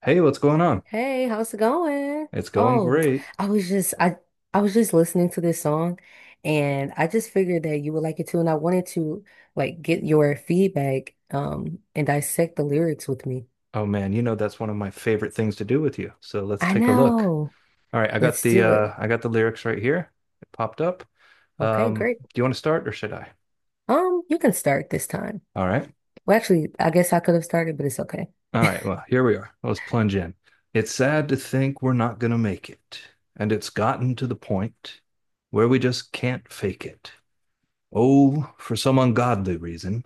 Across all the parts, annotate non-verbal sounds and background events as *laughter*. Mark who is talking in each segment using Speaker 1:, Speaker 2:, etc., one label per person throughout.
Speaker 1: Hey, what's going on?
Speaker 2: Hey, how's it going?
Speaker 1: It's going
Speaker 2: Oh,
Speaker 1: great.
Speaker 2: I was just I I was just listening to this song, and I just figured that you would like it too, and I wanted to get your feedback and dissect the lyrics with me.
Speaker 1: Oh man, you know that's one of my favorite things to do with you. So let's
Speaker 2: I
Speaker 1: take a look.
Speaker 2: know.
Speaker 1: All right,
Speaker 2: Let's do it.
Speaker 1: I got the lyrics right here. It popped up.
Speaker 2: Okay,
Speaker 1: Um,
Speaker 2: great.
Speaker 1: do you want to start or should I?
Speaker 2: You can start this time.
Speaker 1: All right.
Speaker 2: Well, actually, I guess I could have started, but it's okay.
Speaker 1: All right, well, here we are. Let's plunge in. It's sad to think we're not gonna make it, and it's gotten to the point where we just can't fake it. Oh, for some ungodly reason,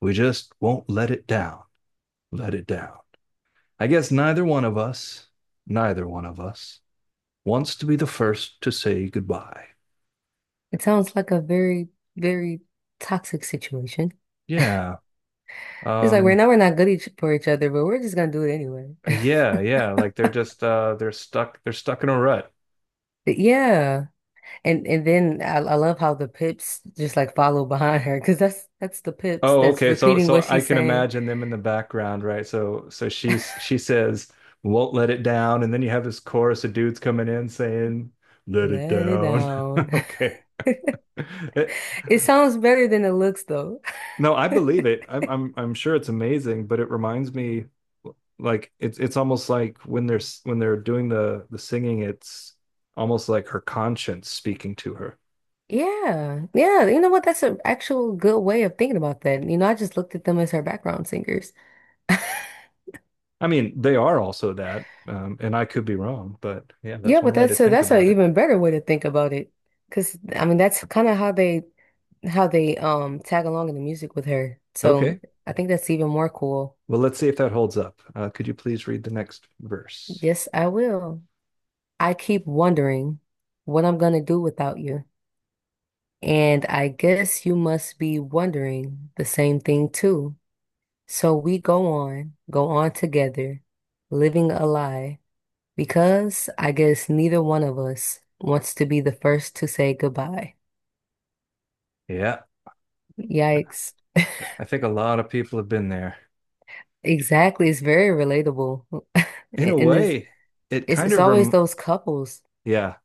Speaker 1: we just won't let it down. Let it down. I guess neither one of us, neither one of us wants to be the first to say goodbye.
Speaker 2: It sounds like a very, very toxic situation.
Speaker 1: Yeah.
Speaker 2: It's like right
Speaker 1: Um
Speaker 2: now we're not good each for each other, but we're just gonna do it anyway. *laughs*
Speaker 1: yeah, yeah, like they're just they're stuck in a rut.
Speaker 2: Yeah. And then I love how the pips just like follow behind her, because that's the pips
Speaker 1: Oh,
Speaker 2: that's
Speaker 1: okay. So
Speaker 2: repeating what
Speaker 1: I
Speaker 2: she's
Speaker 1: can
Speaker 2: saying.
Speaker 1: imagine them in the background, right? So she says won't let it down and then you have this chorus of dudes coming in saying
Speaker 2: *laughs*
Speaker 1: let it
Speaker 2: Let it
Speaker 1: down.
Speaker 2: down.
Speaker 1: *laughs*
Speaker 2: *laughs*
Speaker 1: Okay. It,
Speaker 2: It sounds better than it looks though. *laughs*
Speaker 1: No, I believe it. I'm sure it's amazing, but it reminds me like it's almost like when they're when they're doing the singing, it's almost like her conscience speaking to her.
Speaker 2: Yeah, yeah. You know what? That's an actual good way of thinking about that. You know, I just looked at them as her background singers. *laughs*
Speaker 1: I mean, they are also that, and I could be wrong, but yeah, that's
Speaker 2: Yeah,
Speaker 1: one
Speaker 2: but
Speaker 1: way to think
Speaker 2: that's an
Speaker 1: about it.
Speaker 2: even better way to think about it. Because I mean, that's kind of how they tag along in the music with her. So
Speaker 1: Okay.
Speaker 2: I think that's even more cool.
Speaker 1: Well, let's see if that holds up. Could you please read the next verse?
Speaker 2: Yes, I will. I keep wondering what I'm gonna do without you. And I guess you must be wondering the same thing too. So we go on, go on together, living a lie, because I guess neither one of us wants to be the first to say goodbye.
Speaker 1: Yeah,
Speaker 2: Yikes.
Speaker 1: I think a lot of people have been there.
Speaker 2: Exactly. It's very relatable. *laughs*
Speaker 1: In a
Speaker 2: And it's,
Speaker 1: way, it
Speaker 2: it's,
Speaker 1: kind
Speaker 2: it's
Speaker 1: of
Speaker 2: always
Speaker 1: rem
Speaker 2: those couples.
Speaker 1: Yeah,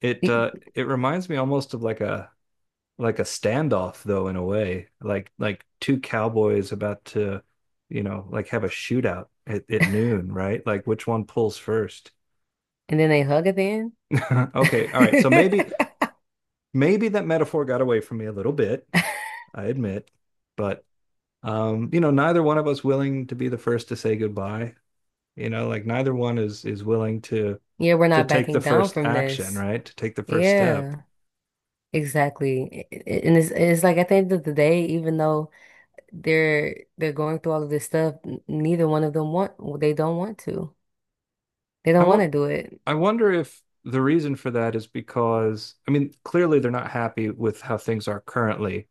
Speaker 1: it
Speaker 2: And
Speaker 1: it reminds me almost of like a standoff though in a way like two cowboys about to, you know, like have a shootout at noon, right? Like which one pulls first?
Speaker 2: then they hug at the end.
Speaker 1: *laughs* Okay, all right, so maybe
Speaker 2: *laughs*
Speaker 1: that metaphor got away from me a little bit, I admit, but you know, neither one of us willing to be the first to say goodbye, you know, like neither one is willing to
Speaker 2: Yeah, we're not
Speaker 1: take the
Speaker 2: backing down
Speaker 1: first
Speaker 2: from
Speaker 1: action,
Speaker 2: this.
Speaker 1: right? To take the first step.
Speaker 2: Yeah. Exactly. I- And It's like at the end of the day, even though they're going through all of this stuff, neither one of them they don't want to. They
Speaker 1: i
Speaker 2: don't want
Speaker 1: want
Speaker 2: to do it.
Speaker 1: I wonder if the reason for that is because, I mean, clearly they're not happy with how things are currently,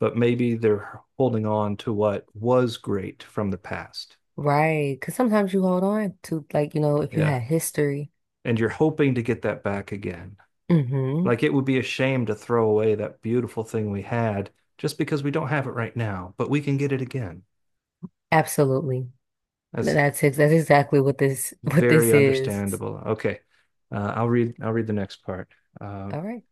Speaker 1: but maybe they're holding on to what was great from the past.
Speaker 2: Right. Because sometimes you hold on to, like, you know, if you
Speaker 1: Yeah.
Speaker 2: had history.
Speaker 1: And you're hoping to get that back again.
Speaker 2: Mm-hmm.
Speaker 1: Like it would be a shame to throw away that beautiful thing we had just because we don't have it right now, but we can get it again.
Speaker 2: Absolutely.
Speaker 1: That's
Speaker 2: That's exactly what this *laughs* what this
Speaker 1: very
Speaker 2: is.
Speaker 1: understandable. Okay. I'll read the next part. Uh,
Speaker 2: All right.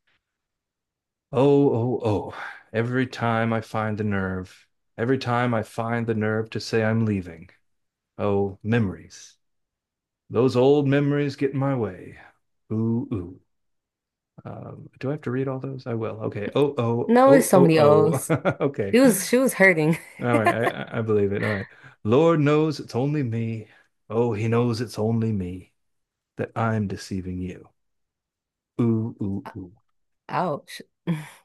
Speaker 1: Oh, oh, oh. Every time I find the nerve, every time I find the nerve to say I'm leaving. Oh, memories. Those old memories get in my way. Ooh, ooh. Do I have to read all those? I will. Okay. Oh, oh,
Speaker 2: No, it's
Speaker 1: oh,
Speaker 2: so many
Speaker 1: oh,
Speaker 2: O's.
Speaker 1: oh. *laughs* Okay.
Speaker 2: It
Speaker 1: All
Speaker 2: was she was hurting.
Speaker 1: right. I believe it. All right. Lord knows it's only me. Oh, he knows it's only me that I'm deceiving you. Ooh, ooh, ooh.
Speaker 2: *laughs* Ouch. *laughs*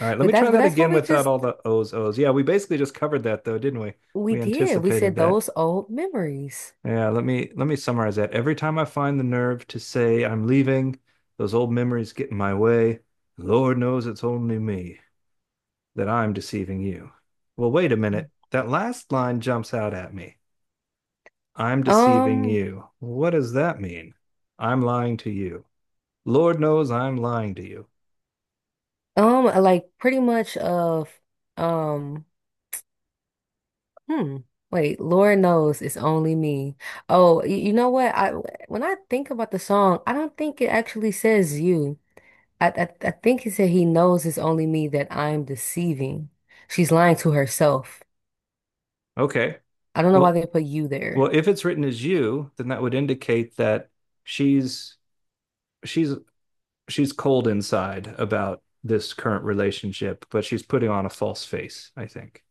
Speaker 1: All right, let
Speaker 2: But
Speaker 1: me try
Speaker 2: that's but
Speaker 1: that
Speaker 2: That's what
Speaker 1: again without all the O's, O's. Yeah, we basically just covered that though, didn't we?
Speaker 2: we
Speaker 1: We
Speaker 2: did. We
Speaker 1: anticipated
Speaker 2: said
Speaker 1: that.
Speaker 2: those old memories.
Speaker 1: Yeah, let me summarize that. Every time I find the nerve to say I'm leaving, those old memories get in my way. Lord knows it's only me that I'm deceiving you. Well, wait a minute. That last line jumps out at me. I'm deceiving
Speaker 2: Um,
Speaker 1: you. What does that mean? I'm lying to you. Lord knows I'm lying to you.
Speaker 2: Like pretty much of um hmm. Wait, Lord knows it's only me. Oh, you know what? I When I think about the song, I don't think it actually says you. I I think he said he knows it's only me that I'm deceiving. She's lying to herself.
Speaker 1: Okay.
Speaker 2: I don't know why
Speaker 1: Well,
Speaker 2: they put you
Speaker 1: Well,
Speaker 2: there.
Speaker 1: if it's written as you, then that would indicate that she's she's she's cold inside about this current relationship, but she's putting on a false face, I think.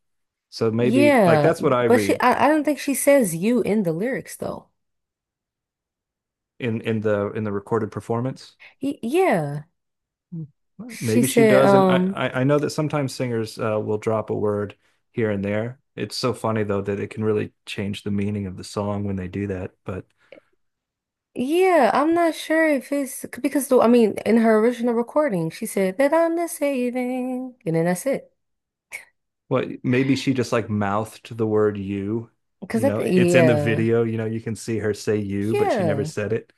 Speaker 1: So maybe like
Speaker 2: Yeah,
Speaker 1: that's what I
Speaker 2: but she
Speaker 1: read
Speaker 2: I don't think she says you in the lyrics though.
Speaker 1: in in the recorded performance.
Speaker 2: He, yeah. She
Speaker 1: Maybe she
Speaker 2: said
Speaker 1: does, and I I I know that sometimes singers will drop a word here and there. It's so funny though that it can really change the meaning of the song when they do that. But
Speaker 2: Yeah, I'm not sure if it's because I mean, in her original recording, she said that I'm the saving, and then that's it.
Speaker 1: well, maybe she just like mouthed the word you.
Speaker 2: Because
Speaker 1: You
Speaker 2: I
Speaker 1: know,
Speaker 2: think,
Speaker 1: it's in the
Speaker 2: yeah,
Speaker 1: video, you know, you can see her say you, but she never
Speaker 2: yeah,
Speaker 1: said it.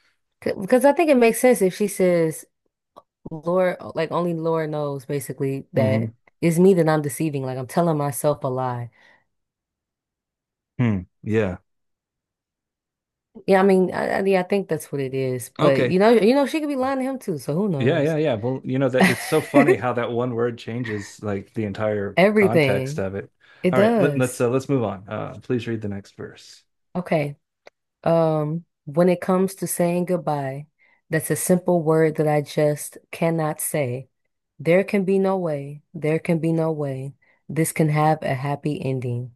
Speaker 2: because I think it makes sense if she says, "Lord, like only Lord knows," basically that
Speaker 1: Hmm.
Speaker 2: it's me that I'm deceiving. Like I'm telling myself a lie.
Speaker 1: Hmm. Yeah.
Speaker 2: Yeah, I mean, yeah, I think that's what it is. But
Speaker 1: Okay.
Speaker 2: you know, she could be lying to him too. So who
Speaker 1: Yeah, yeah,
Speaker 2: knows?
Speaker 1: yeah. Well, you know that it's so funny how
Speaker 2: *laughs*
Speaker 1: that one word changes like the entire context
Speaker 2: Everything
Speaker 1: of it.
Speaker 2: it
Speaker 1: All right,
Speaker 2: does.
Speaker 1: let's move on. Please read the next verse.
Speaker 2: Okay. When it comes to saying goodbye, that's a simple word that I just cannot say. There can be no way. There can be no way. This can have a happy ending.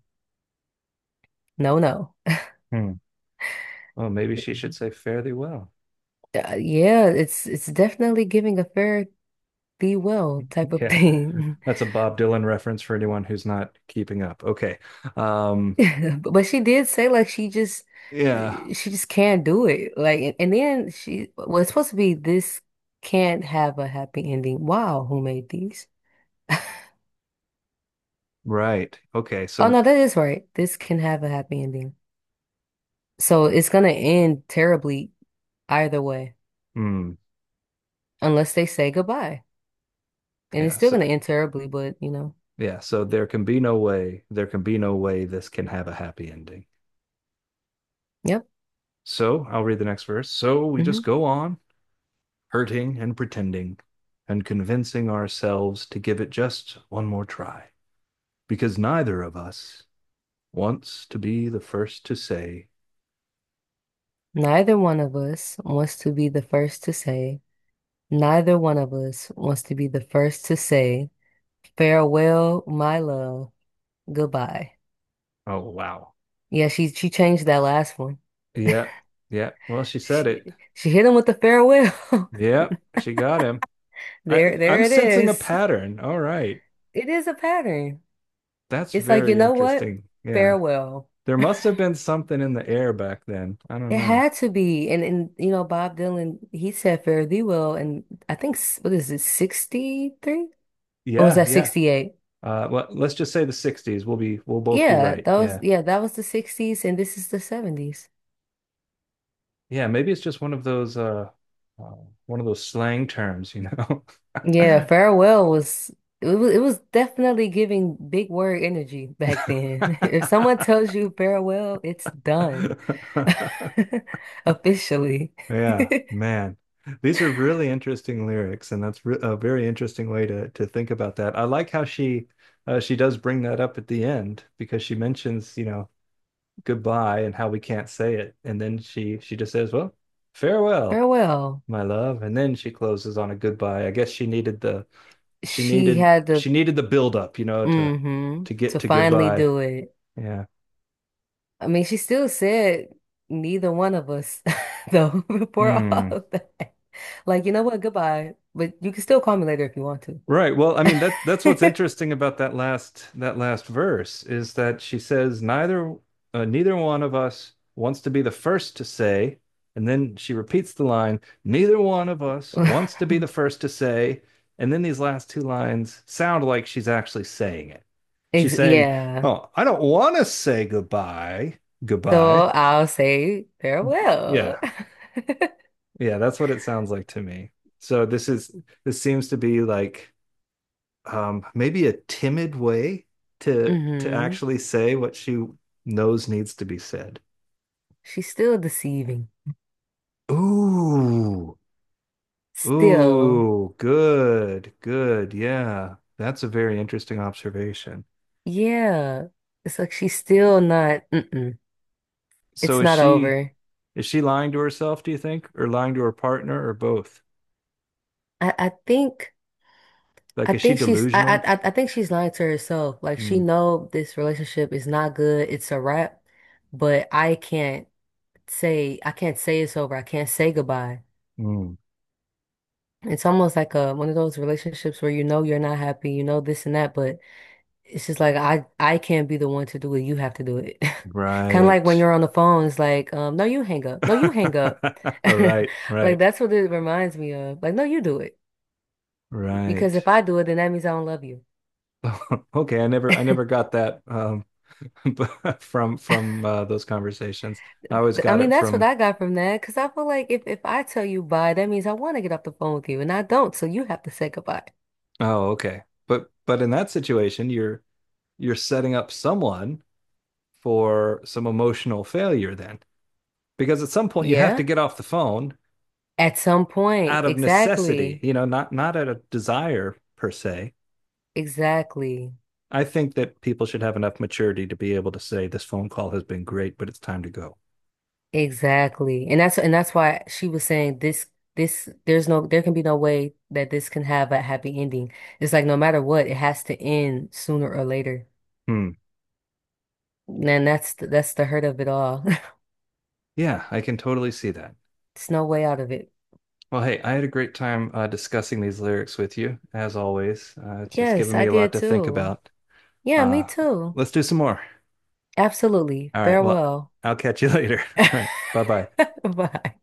Speaker 2: No, no.
Speaker 1: Hmm. Oh, maybe she should say fare thee well.
Speaker 2: Yeah, it's definitely giving a fair thee well
Speaker 1: *laughs*
Speaker 2: type of
Speaker 1: Yeah,
Speaker 2: thing. *laughs*
Speaker 1: that's a Bob Dylan reference for anyone who's not keeping up. Okay. Um,
Speaker 2: *laughs* But she did say like
Speaker 1: yeah,
Speaker 2: she just can't do it. Like, and then she well, it's supposed to be this can't have a happy ending. Wow, who made these? *laughs*
Speaker 1: right. Okay,
Speaker 2: Oh
Speaker 1: so
Speaker 2: no, that is right. This can have a happy ending. So it's gonna end terribly either way,
Speaker 1: hmm.
Speaker 2: unless they say goodbye. And it's
Speaker 1: Yeah,
Speaker 2: still
Speaker 1: so
Speaker 2: gonna end terribly, but you know,
Speaker 1: there can be no way, there can be no way this can have a happy ending.
Speaker 2: yep.
Speaker 1: So I'll read the next verse. So we
Speaker 2: Hmm.
Speaker 1: just go on hurting and pretending and convincing ourselves to give it just one more try because neither of us wants to be the first to say.
Speaker 2: Neither one of us wants to be the first to say, neither one of us wants to be the first to say, farewell, my love, goodbye.
Speaker 1: Oh wow.
Speaker 2: Yeah, she changed that last one.
Speaker 1: Yeah, yeah, well, she said
Speaker 2: She
Speaker 1: it.
Speaker 2: she hit him with the farewell. *laughs*
Speaker 1: Yeah, she got him. I,
Speaker 2: There
Speaker 1: I'm
Speaker 2: it
Speaker 1: sensing a
Speaker 2: is.
Speaker 1: pattern. All right.
Speaker 2: It is a pattern.
Speaker 1: That's
Speaker 2: It's like, you
Speaker 1: very
Speaker 2: know what?
Speaker 1: interesting. Yeah.
Speaker 2: Farewell.
Speaker 1: There must have been something in the air back then. I don't
Speaker 2: It
Speaker 1: know.
Speaker 2: had to be. And you know, Bob Dylan, he said Fare Thee Well and I think what is it, 63? Or was
Speaker 1: Yeah,
Speaker 2: that
Speaker 1: yeah.
Speaker 2: 68?
Speaker 1: Well, let's just say the 60s. We'll both be right. Yeah.
Speaker 2: Yeah, that was the 60s and this is the 70s.
Speaker 1: Yeah, maybe it's just uh one of those slang terms, you know.
Speaker 2: Yeah,
Speaker 1: *laughs*
Speaker 2: Farewell was it was definitely giving big word energy back then. *laughs* If someone tells you farewell, it's done. *laughs* Officially.
Speaker 1: Yeah,
Speaker 2: *laughs*
Speaker 1: man. These are really interesting lyrics, and that's re a very interesting way to think about that. I like how she does bring that up at the end because she mentions, you know, goodbye and how we can't say it. And then she just says, "Well, farewell,
Speaker 2: Farewell.
Speaker 1: my love." And then she closes on a goodbye. I guess she needed the
Speaker 2: She had the
Speaker 1: she needed the build up, you know,
Speaker 2: mm-hmm
Speaker 1: to get
Speaker 2: to
Speaker 1: to
Speaker 2: finally
Speaker 1: goodbye.
Speaker 2: do it.
Speaker 1: Yeah.
Speaker 2: I mean, she still said neither one of us, *laughs* though, *laughs* before all
Speaker 1: Hmm.
Speaker 2: of that. Like, you know what? Goodbye. But you can still call me later if you want to.
Speaker 1: Right. Well, I mean that that's what's
Speaker 2: *laughs*
Speaker 1: interesting about that last verse is that she says neither one of us wants to be the first to say, and then she repeats the line, neither one of us wants to be the first to say, and then these last two lines sound like she's actually saying it. She's
Speaker 2: Ex
Speaker 1: saying,
Speaker 2: Yeah.
Speaker 1: "Oh, I don't want to say goodbye, goodbye."
Speaker 2: So I'll say
Speaker 1: Yeah.
Speaker 2: farewell.
Speaker 1: Yeah, that's what it sounds like to me. So this seems to be like maybe a timid way
Speaker 2: *laughs*
Speaker 1: to
Speaker 2: hmm
Speaker 1: actually say what she knows needs to be said.
Speaker 2: She's still deceiving.
Speaker 1: Ooh,
Speaker 2: Still.
Speaker 1: ooh, good, good. Yeah, that's a very interesting observation.
Speaker 2: Yeah. It's like she's still not, mm-mm.
Speaker 1: So
Speaker 2: It's not over.
Speaker 1: is she lying to herself, do you think, or lying to her partner, or both?
Speaker 2: I think.
Speaker 1: Like, is she delusional?
Speaker 2: I think she's lying to herself. Like she
Speaker 1: Hmm.
Speaker 2: know this relationship is not good, it's a wrap, but I can't say it's over. I can't say goodbye.
Speaker 1: Hmm.
Speaker 2: It's almost like a one of those relationships where you know you're not happy, you know this and that, but it's just like I can't be the one to do it. You have to do it. *laughs* Kind of like
Speaker 1: Right.
Speaker 2: when you're on the phone, it's like, no, you hang up. No, you hang up.
Speaker 1: *laughs*
Speaker 2: *laughs*
Speaker 1: All right,
Speaker 2: Like
Speaker 1: right,
Speaker 2: that's what it reminds me of. Like, no, you do it. Because if
Speaker 1: right.
Speaker 2: I do it, then that means I don't love you.
Speaker 1: *laughs* Okay, I never got that. *laughs* From those conversations. I always
Speaker 2: I
Speaker 1: got
Speaker 2: mean,
Speaker 1: it
Speaker 2: that's what
Speaker 1: from,
Speaker 2: I got from that. Because I feel like if I tell you bye, that means I want to get off the phone with you, and I don't. So you have to say goodbye.
Speaker 1: oh, okay. But in that situation, you're setting up someone for some emotional failure then. Because at some point you have to
Speaker 2: Yeah.
Speaker 1: get off the phone
Speaker 2: At some point.
Speaker 1: out of necessity,
Speaker 2: Exactly.
Speaker 1: you know, not out of desire per se.
Speaker 2: Exactly.
Speaker 1: I think that people should have enough maturity to be able to say this phone call has been great, but it's time to go.
Speaker 2: Exactly. And that's why she was saying this there can be no way that this can have a happy ending. It's like no matter what, it has to end sooner or later.
Speaker 1: Hmm.
Speaker 2: And that's the hurt of it all. *laughs*
Speaker 1: Yeah, I can totally see that.
Speaker 2: There's no way out of it.
Speaker 1: Well, hey, I had a great time discussing these lyrics with you, as always. It's
Speaker 2: Yes,
Speaker 1: given
Speaker 2: I
Speaker 1: me a lot
Speaker 2: did
Speaker 1: to think
Speaker 2: too.
Speaker 1: about.
Speaker 2: Yeah, me
Speaker 1: Uh,
Speaker 2: too.
Speaker 1: let's do some more.
Speaker 2: Absolutely.
Speaker 1: All right. Well,
Speaker 2: Farewell.
Speaker 1: I'll catch you *laughs* later. All right. Bye bye.
Speaker 2: *laughs* Bye.